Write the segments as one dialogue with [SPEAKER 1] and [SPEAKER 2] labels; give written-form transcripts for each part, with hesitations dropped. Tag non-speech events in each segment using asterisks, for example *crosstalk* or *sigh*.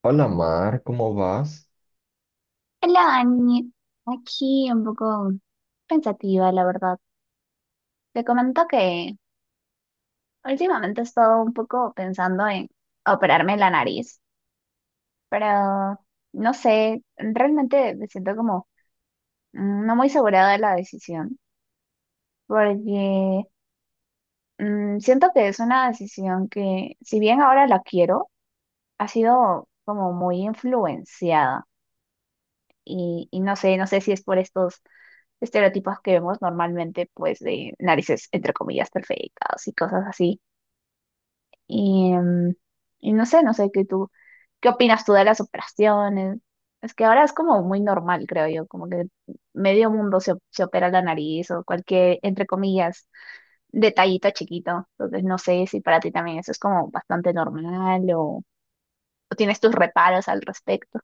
[SPEAKER 1] Hola Mar, ¿cómo vas?
[SPEAKER 2] Hola, Dani. Aquí un poco pensativa, la verdad. Te comento que últimamente he estado un poco pensando en operarme la nariz, pero no sé, realmente me siento como no muy segura de la decisión, porque siento que es una decisión que, si bien ahora la quiero, ha sido como muy influenciada. Y no sé, no sé si es por estos estereotipos que vemos normalmente, pues de narices entre comillas perfectas y cosas así. Y y no sé, no sé qué opinas tú de las operaciones. Es que ahora es como muy normal, creo yo, como que medio mundo se, se opera la nariz o cualquier, entre comillas, detallito chiquito. Entonces no sé si para ti también eso es como bastante normal o tienes tus reparos al respecto.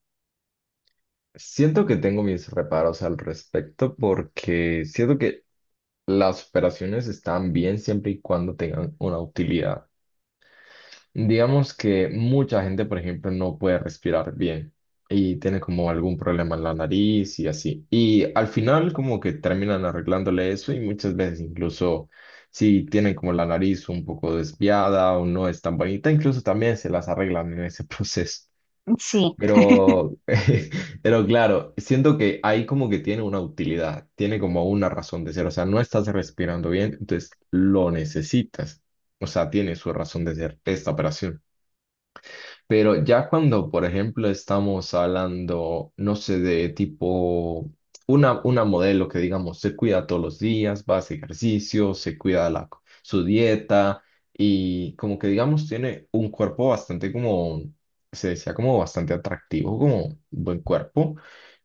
[SPEAKER 1] Siento que tengo mis reparos al respecto porque siento que las operaciones están bien siempre y cuando tengan una utilidad. Digamos que mucha gente, por ejemplo, no puede respirar bien y tiene como algún problema en la nariz y así. Y al final como que terminan arreglándole eso y muchas veces incluso si tienen como la nariz un poco desviada o no es tan bonita, incluso también se las arreglan en ese *laughs* proceso.
[SPEAKER 2] Sí,
[SPEAKER 1] Pero, *laughs* pero claro, siento que ahí como que tiene una utilidad, tiene como una razón de ser. O sea, no estás respirando bien, entonces lo necesitas. O sea, tiene su razón de ser esta operación. Pero ya cuando, por ejemplo, estamos hablando, no sé, de tipo una modelo que digamos se cuida todos los días, va a hacer ejercicio, se cuida la, su dieta y como que digamos tiene un cuerpo bastante como, se decía como bastante atractivo, como buen cuerpo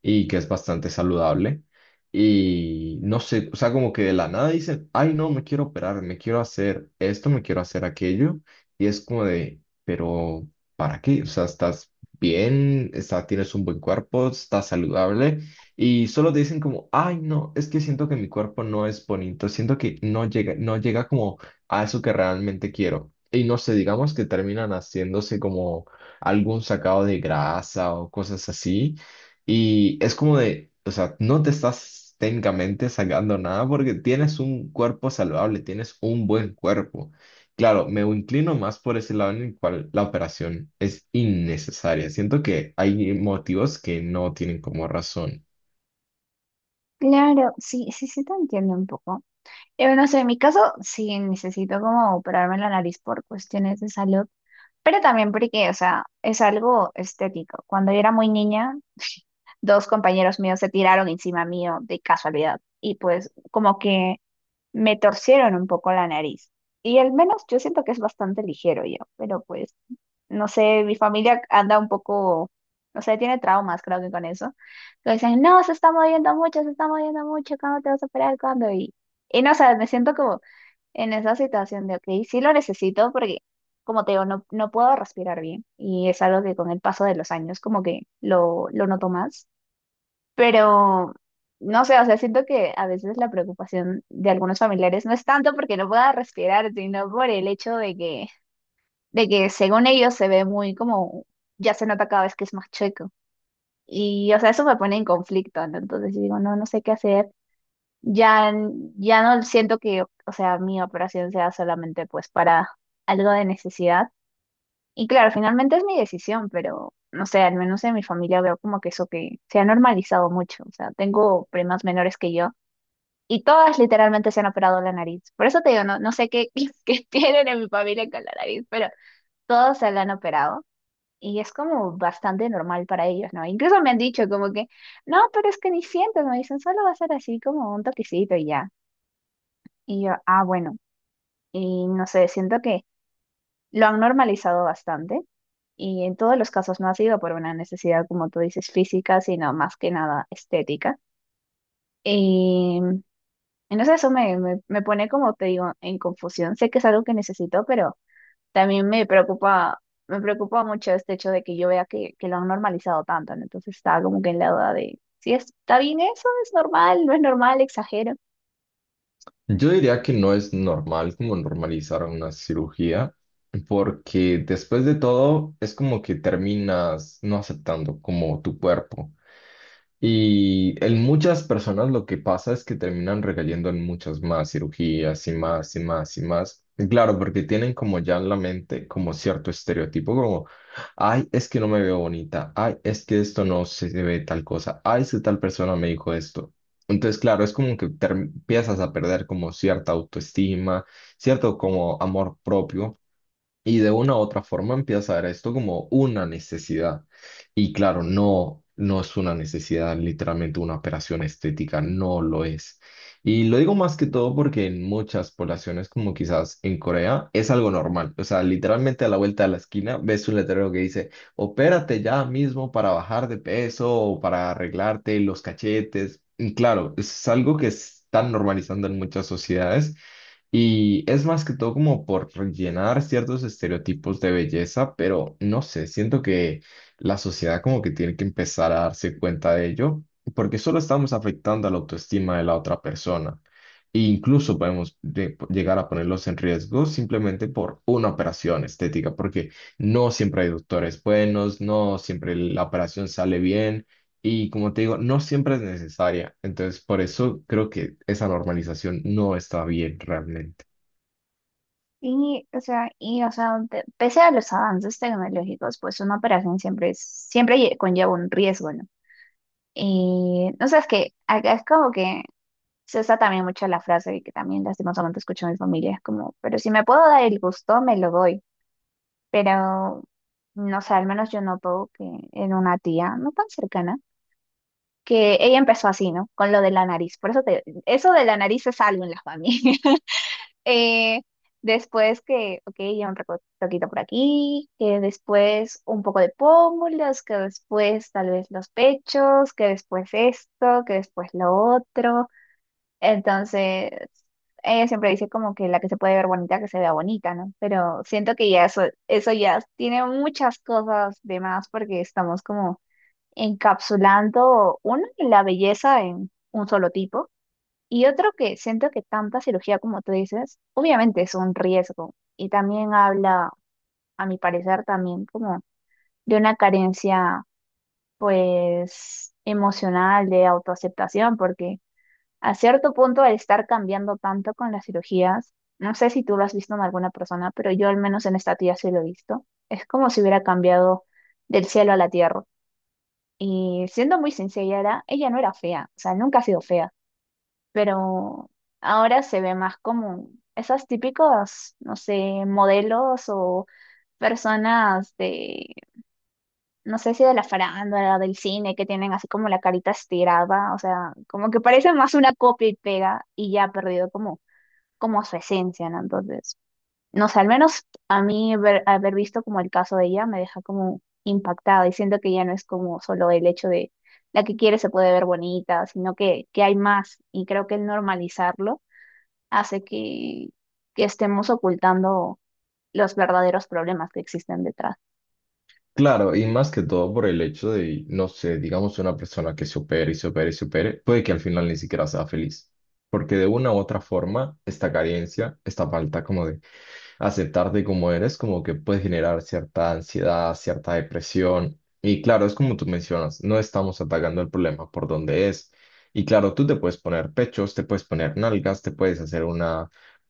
[SPEAKER 1] y que es bastante saludable. Y no sé, o sea, como que de la nada dicen, ay, no, me quiero operar, me quiero hacer esto, me quiero hacer aquello. Y es como de, pero ¿para qué? O sea, estás bien, tienes un buen cuerpo, estás saludable y solo te dicen como, ay, no, es que siento que mi cuerpo no es bonito, siento que no llega como a eso que realmente quiero. Y no sé, digamos que terminan haciéndose como algún sacado de grasa o cosas así. Y es como de, o sea, no te estás técnicamente sacando nada porque tienes un cuerpo saludable, tienes un buen cuerpo. Claro, me inclino más por ese lado en el cual la operación es innecesaria. Siento que hay motivos que no tienen como razón.
[SPEAKER 2] claro, sí, sí, sí te entiendo un poco. Yo no sé, en mi caso sí necesito como operarme la nariz por cuestiones de salud, pero también porque, o sea, es algo estético. Cuando yo era muy niña, dos compañeros míos se tiraron encima mío de casualidad y pues como que me torcieron un poco la nariz. Y al menos yo siento que es bastante ligero yo, pero pues no sé, mi familia anda un poco, no sé, tiene traumas creo que con eso. Que dicen, no, se está moviendo mucho, se está moviendo mucho, ¿cuándo te vas a operar? ¿Cuándo? Y no, o sea, me siento como en esa situación de, ok, sí lo necesito porque, como te digo, no, no puedo respirar bien y es algo que con el paso de los años como que lo noto más, pero no sé, o sea, siento que a veces la preocupación de algunos familiares no es tanto porque no pueda respirar, sino por el hecho de que según ellos se ve muy como, ya se nota cada vez que es más chueco. Y, o sea, eso me pone en conflicto, ¿no? Entonces yo digo, no, no sé qué hacer. Ya, ya no siento que, o sea, mi operación sea solamente pues para algo de necesidad. Y claro, finalmente es mi decisión, pero no sé, al menos en mi familia veo como que eso que se ha normalizado mucho. O sea, tengo primas menores que yo y todas literalmente se han operado la nariz. Por eso te digo, no, no sé qué, *laughs* qué tienen en mi familia con la nariz, pero todos se la han operado. Y es como bastante normal para ellos, ¿no? Incluso me han dicho como que, no, pero es que ni sientes, me dicen, solo va a ser así como un toquecito y ya. Y yo, ah, bueno, y no sé, siento que lo han normalizado bastante y en todos los casos no ha sido por una necesidad, como tú dices, física, sino más que nada estética. Y entonces eso me pone, como te digo, en confusión. Sé que es algo que necesito, pero también me preocupa mucho este hecho de que yo vea que lo han normalizado tanto, ¿no? Entonces estaba como que en la duda de si está bien eso, es normal, no es normal, exagero.
[SPEAKER 1] Yo diría que no es normal como normalizar una cirugía, porque después de todo es como que terminas no aceptando como tu cuerpo. Y en muchas personas lo que pasa es que terminan recayendo en muchas más cirugías y más y más y más. Y claro, porque tienen como ya en la mente como cierto estereotipo, como, ay, es que no me veo bonita, ay, es que esto no se ve tal cosa, ay, es que tal persona me dijo esto. Entonces, claro, es como que empiezas a perder como cierta autoestima, cierto como amor propio. Y de una u otra forma empieza a ver esto como una necesidad. Y claro, no, no es una necesidad, literalmente una operación estética, no lo es. Y lo digo más que todo porque en muchas poblaciones, como quizás en Corea, es algo normal. O sea, literalmente a la vuelta de la esquina ves un letrero que dice, opérate ya mismo para bajar de peso o para arreglarte los cachetes. Y claro, es algo que están normalizando en muchas sociedades y es más que todo como por rellenar ciertos estereotipos de belleza, pero no sé, siento que la sociedad como que tiene que empezar a darse cuenta de ello, porque solo estamos afectando a la autoestima de la otra persona. E incluso podemos llegar a ponerlos en riesgo simplemente por una operación estética, porque no siempre hay doctores buenos, no siempre la operación sale bien. Y como te digo, no siempre es necesaria. Entonces, por eso creo que esa normalización no está bien realmente.
[SPEAKER 2] Y, o sea, pese a los avances tecnológicos, pues una operación siempre es, siempre conlleva un riesgo, ¿no? Y, no sé, es que acá es como que se usa también mucho la frase y que también lastimosamente escucho a mi familia, es como, pero si me puedo dar el gusto, me lo doy. Pero, no sé, al menos yo noto que en una tía no tan cercana, que ella empezó así, ¿no? Con lo de la nariz. Por eso te, eso de la nariz es algo en la familia. Eh, después que, ok, ya un retoquito por aquí, que después un poco de pómulos, que después tal vez los pechos, que después esto, que después lo otro. Entonces, ella siempre dice como que la que se puede ver bonita, que se vea bonita, ¿no? Pero siento que ya eso ya tiene muchas cosas de más porque estamos como encapsulando, uno, la belleza en un solo tipo. Y otro que siento que tanta cirugía como tú dices, obviamente es un riesgo y también habla, a mi parecer, también como de una carencia pues emocional de autoaceptación, porque a cierto punto al estar cambiando tanto con las cirugías, no sé si tú lo has visto en alguna persona, pero yo al menos en esta tía sí lo he visto, es como si hubiera cambiado del cielo a la tierra. Y siendo muy sincera, ella no era fea, o sea, nunca ha sido fea pero ahora se ve más como esas típicos, no sé, modelos o personas de, no sé si de la farándula, del cine, que tienen así como la carita estirada, o sea, como que parece más una copia y pega y ya ha perdido como, como su esencia, ¿no? Entonces, no sé, al menos a mí haber visto como el caso de ella me deja como impactada y siento que ya no es como solo el hecho de... La que quiere se puede ver bonita, sino que hay más y creo que el normalizarlo hace que estemos ocultando los verdaderos problemas que existen detrás.
[SPEAKER 1] Claro, y más que todo por el hecho de, no sé, digamos una persona que se opere y se opere y se opere, puede que al final ni siquiera sea feliz. Porque de una u otra forma, esta carencia, esta falta como de aceptarte como eres, como que puede generar cierta ansiedad, cierta depresión. Y claro, es como tú mencionas, no estamos atacando el problema por donde es. Y claro, tú te puedes poner pechos, te puedes poner nalgas, te puedes hacer una,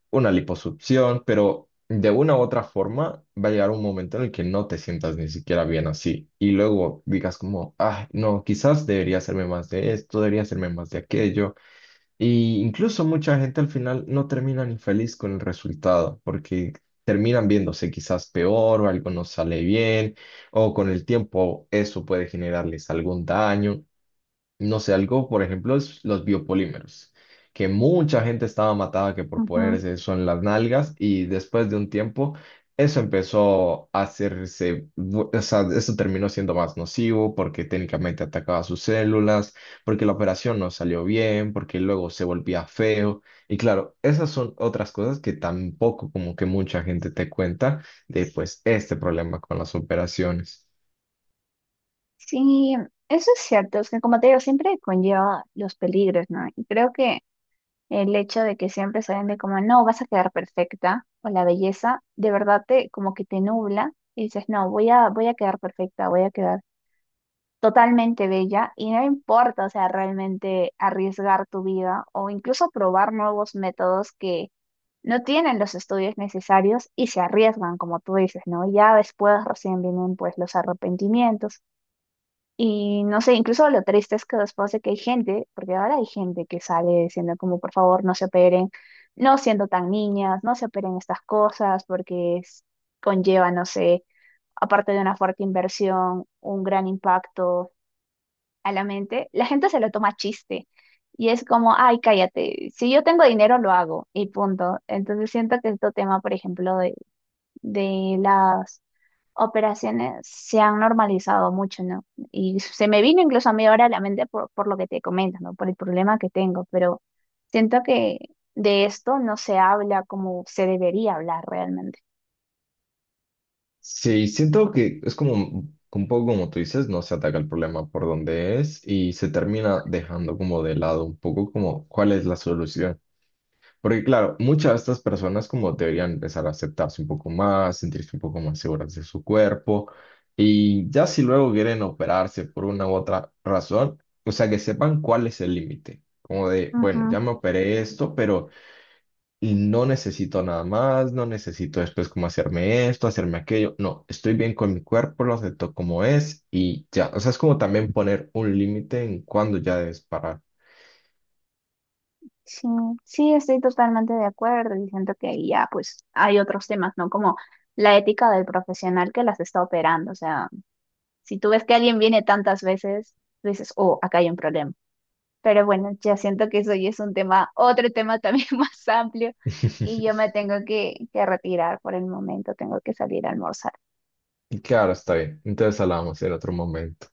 [SPEAKER 1] una liposucción, pero de una u otra forma va a llegar un momento en el que no te sientas ni siquiera bien así. Y luego digas como, ah, no, quizás debería hacerme más de esto, debería hacerme más de aquello. Y incluso mucha gente al final no termina ni feliz con el resultado, porque terminan viéndose quizás peor o algo no sale bien, o con el tiempo eso puede generarles algún daño, no sé, algo, por ejemplo, es los biopolímeros, que mucha gente estaba matada que por
[SPEAKER 2] Ujú.
[SPEAKER 1] ponerse eso en las nalgas y después de un tiempo eso empezó a hacerse, o sea, eso terminó siendo más nocivo porque técnicamente atacaba sus células, porque la operación no salió bien, porque luego se volvía feo. Y claro, esas son otras cosas que tampoco como que mucha gente te cuenta de pues este problema con las operaciones.
[SPEAKER 2] Sí, eso es cierto, es que como te digo, siempre conlleva los peligros, ¿no? Y creo que el hecho de que siempre se vende como, no, vas a quedar perfecta, o la belleza, de verdad te, como que te nubla y dices, no, voy a quedar perfecta, voy a quedar totalmente bella y no importa, o sea, realmente arriesgar tu vida o incluso probar nuevos métodos que no tienen los estudios necesarios y se arriesgan, como tú dices, ¿no? Ya después recién vienen pues los arrepentimientos y no sé, incluso lo triste es que después de que hay gente, porque ahora hay gente que sale diciendo como por favor no se operen, no siendo tan niñas, no se operen estas cosas porque conlleva, no sé, aparte de una fuerte inversión, un gran impacto a la mente, la gente se lo toma a chiste. Y es como, ay, cállate, si yo tengo dinero lo hago y punto. Entonces siento que este tema, por ejemplo, de las operaciones se han normalizado mucho, ¿no? Y se me vino incluso a mí ahora a la mente por lo que te comento, ¿no? Por el problema que tengo, pero siento que de esto no se habla como se debería hablar realmente.
[SPEAKER 1] Sí, siento que es como un poco como tú dices, no se ataca el problema por donde es y se termina dejando como de lado un poco como cuál es la solución. Porque claro, muchas de estas personas como deberían empezar a aceptarse un poco más, sentirse un poco más seguras de su cuerpo y ya si luego quieren operarse por una u otra razón, o sea, que sepan cuál es el límite. Como de, bueno, ya me operé esto, pero y no necesito nada más, no necesito después como hacerme esto, hacerme aquello, no, estoy bien con mi cuerpo, lo acepto como es y ya, o sea, es como también poner un límite en cuándo ya debes parar.
[SPEAKER 2] Sí, sí, estoy totalmente de acuerdo y siento que ahí ya pues hay otros temas, ¿no? Como la ética del profesional que las está operando. O sea, si tú ves que alguien viene tantas veces, tú dices, oh, acá hay un problema. Pero bueno, ya siento que eso ya es un tema, otro tema también *laughs* más amplio y yo me
[SPEAKER 1] *laughs*
[SPEAKER 2] tengo que retirar por el momento, tengo que salir a almorzar.
[SPEAKER 1] Y claro, está bien, entonces hablamos en otro momento.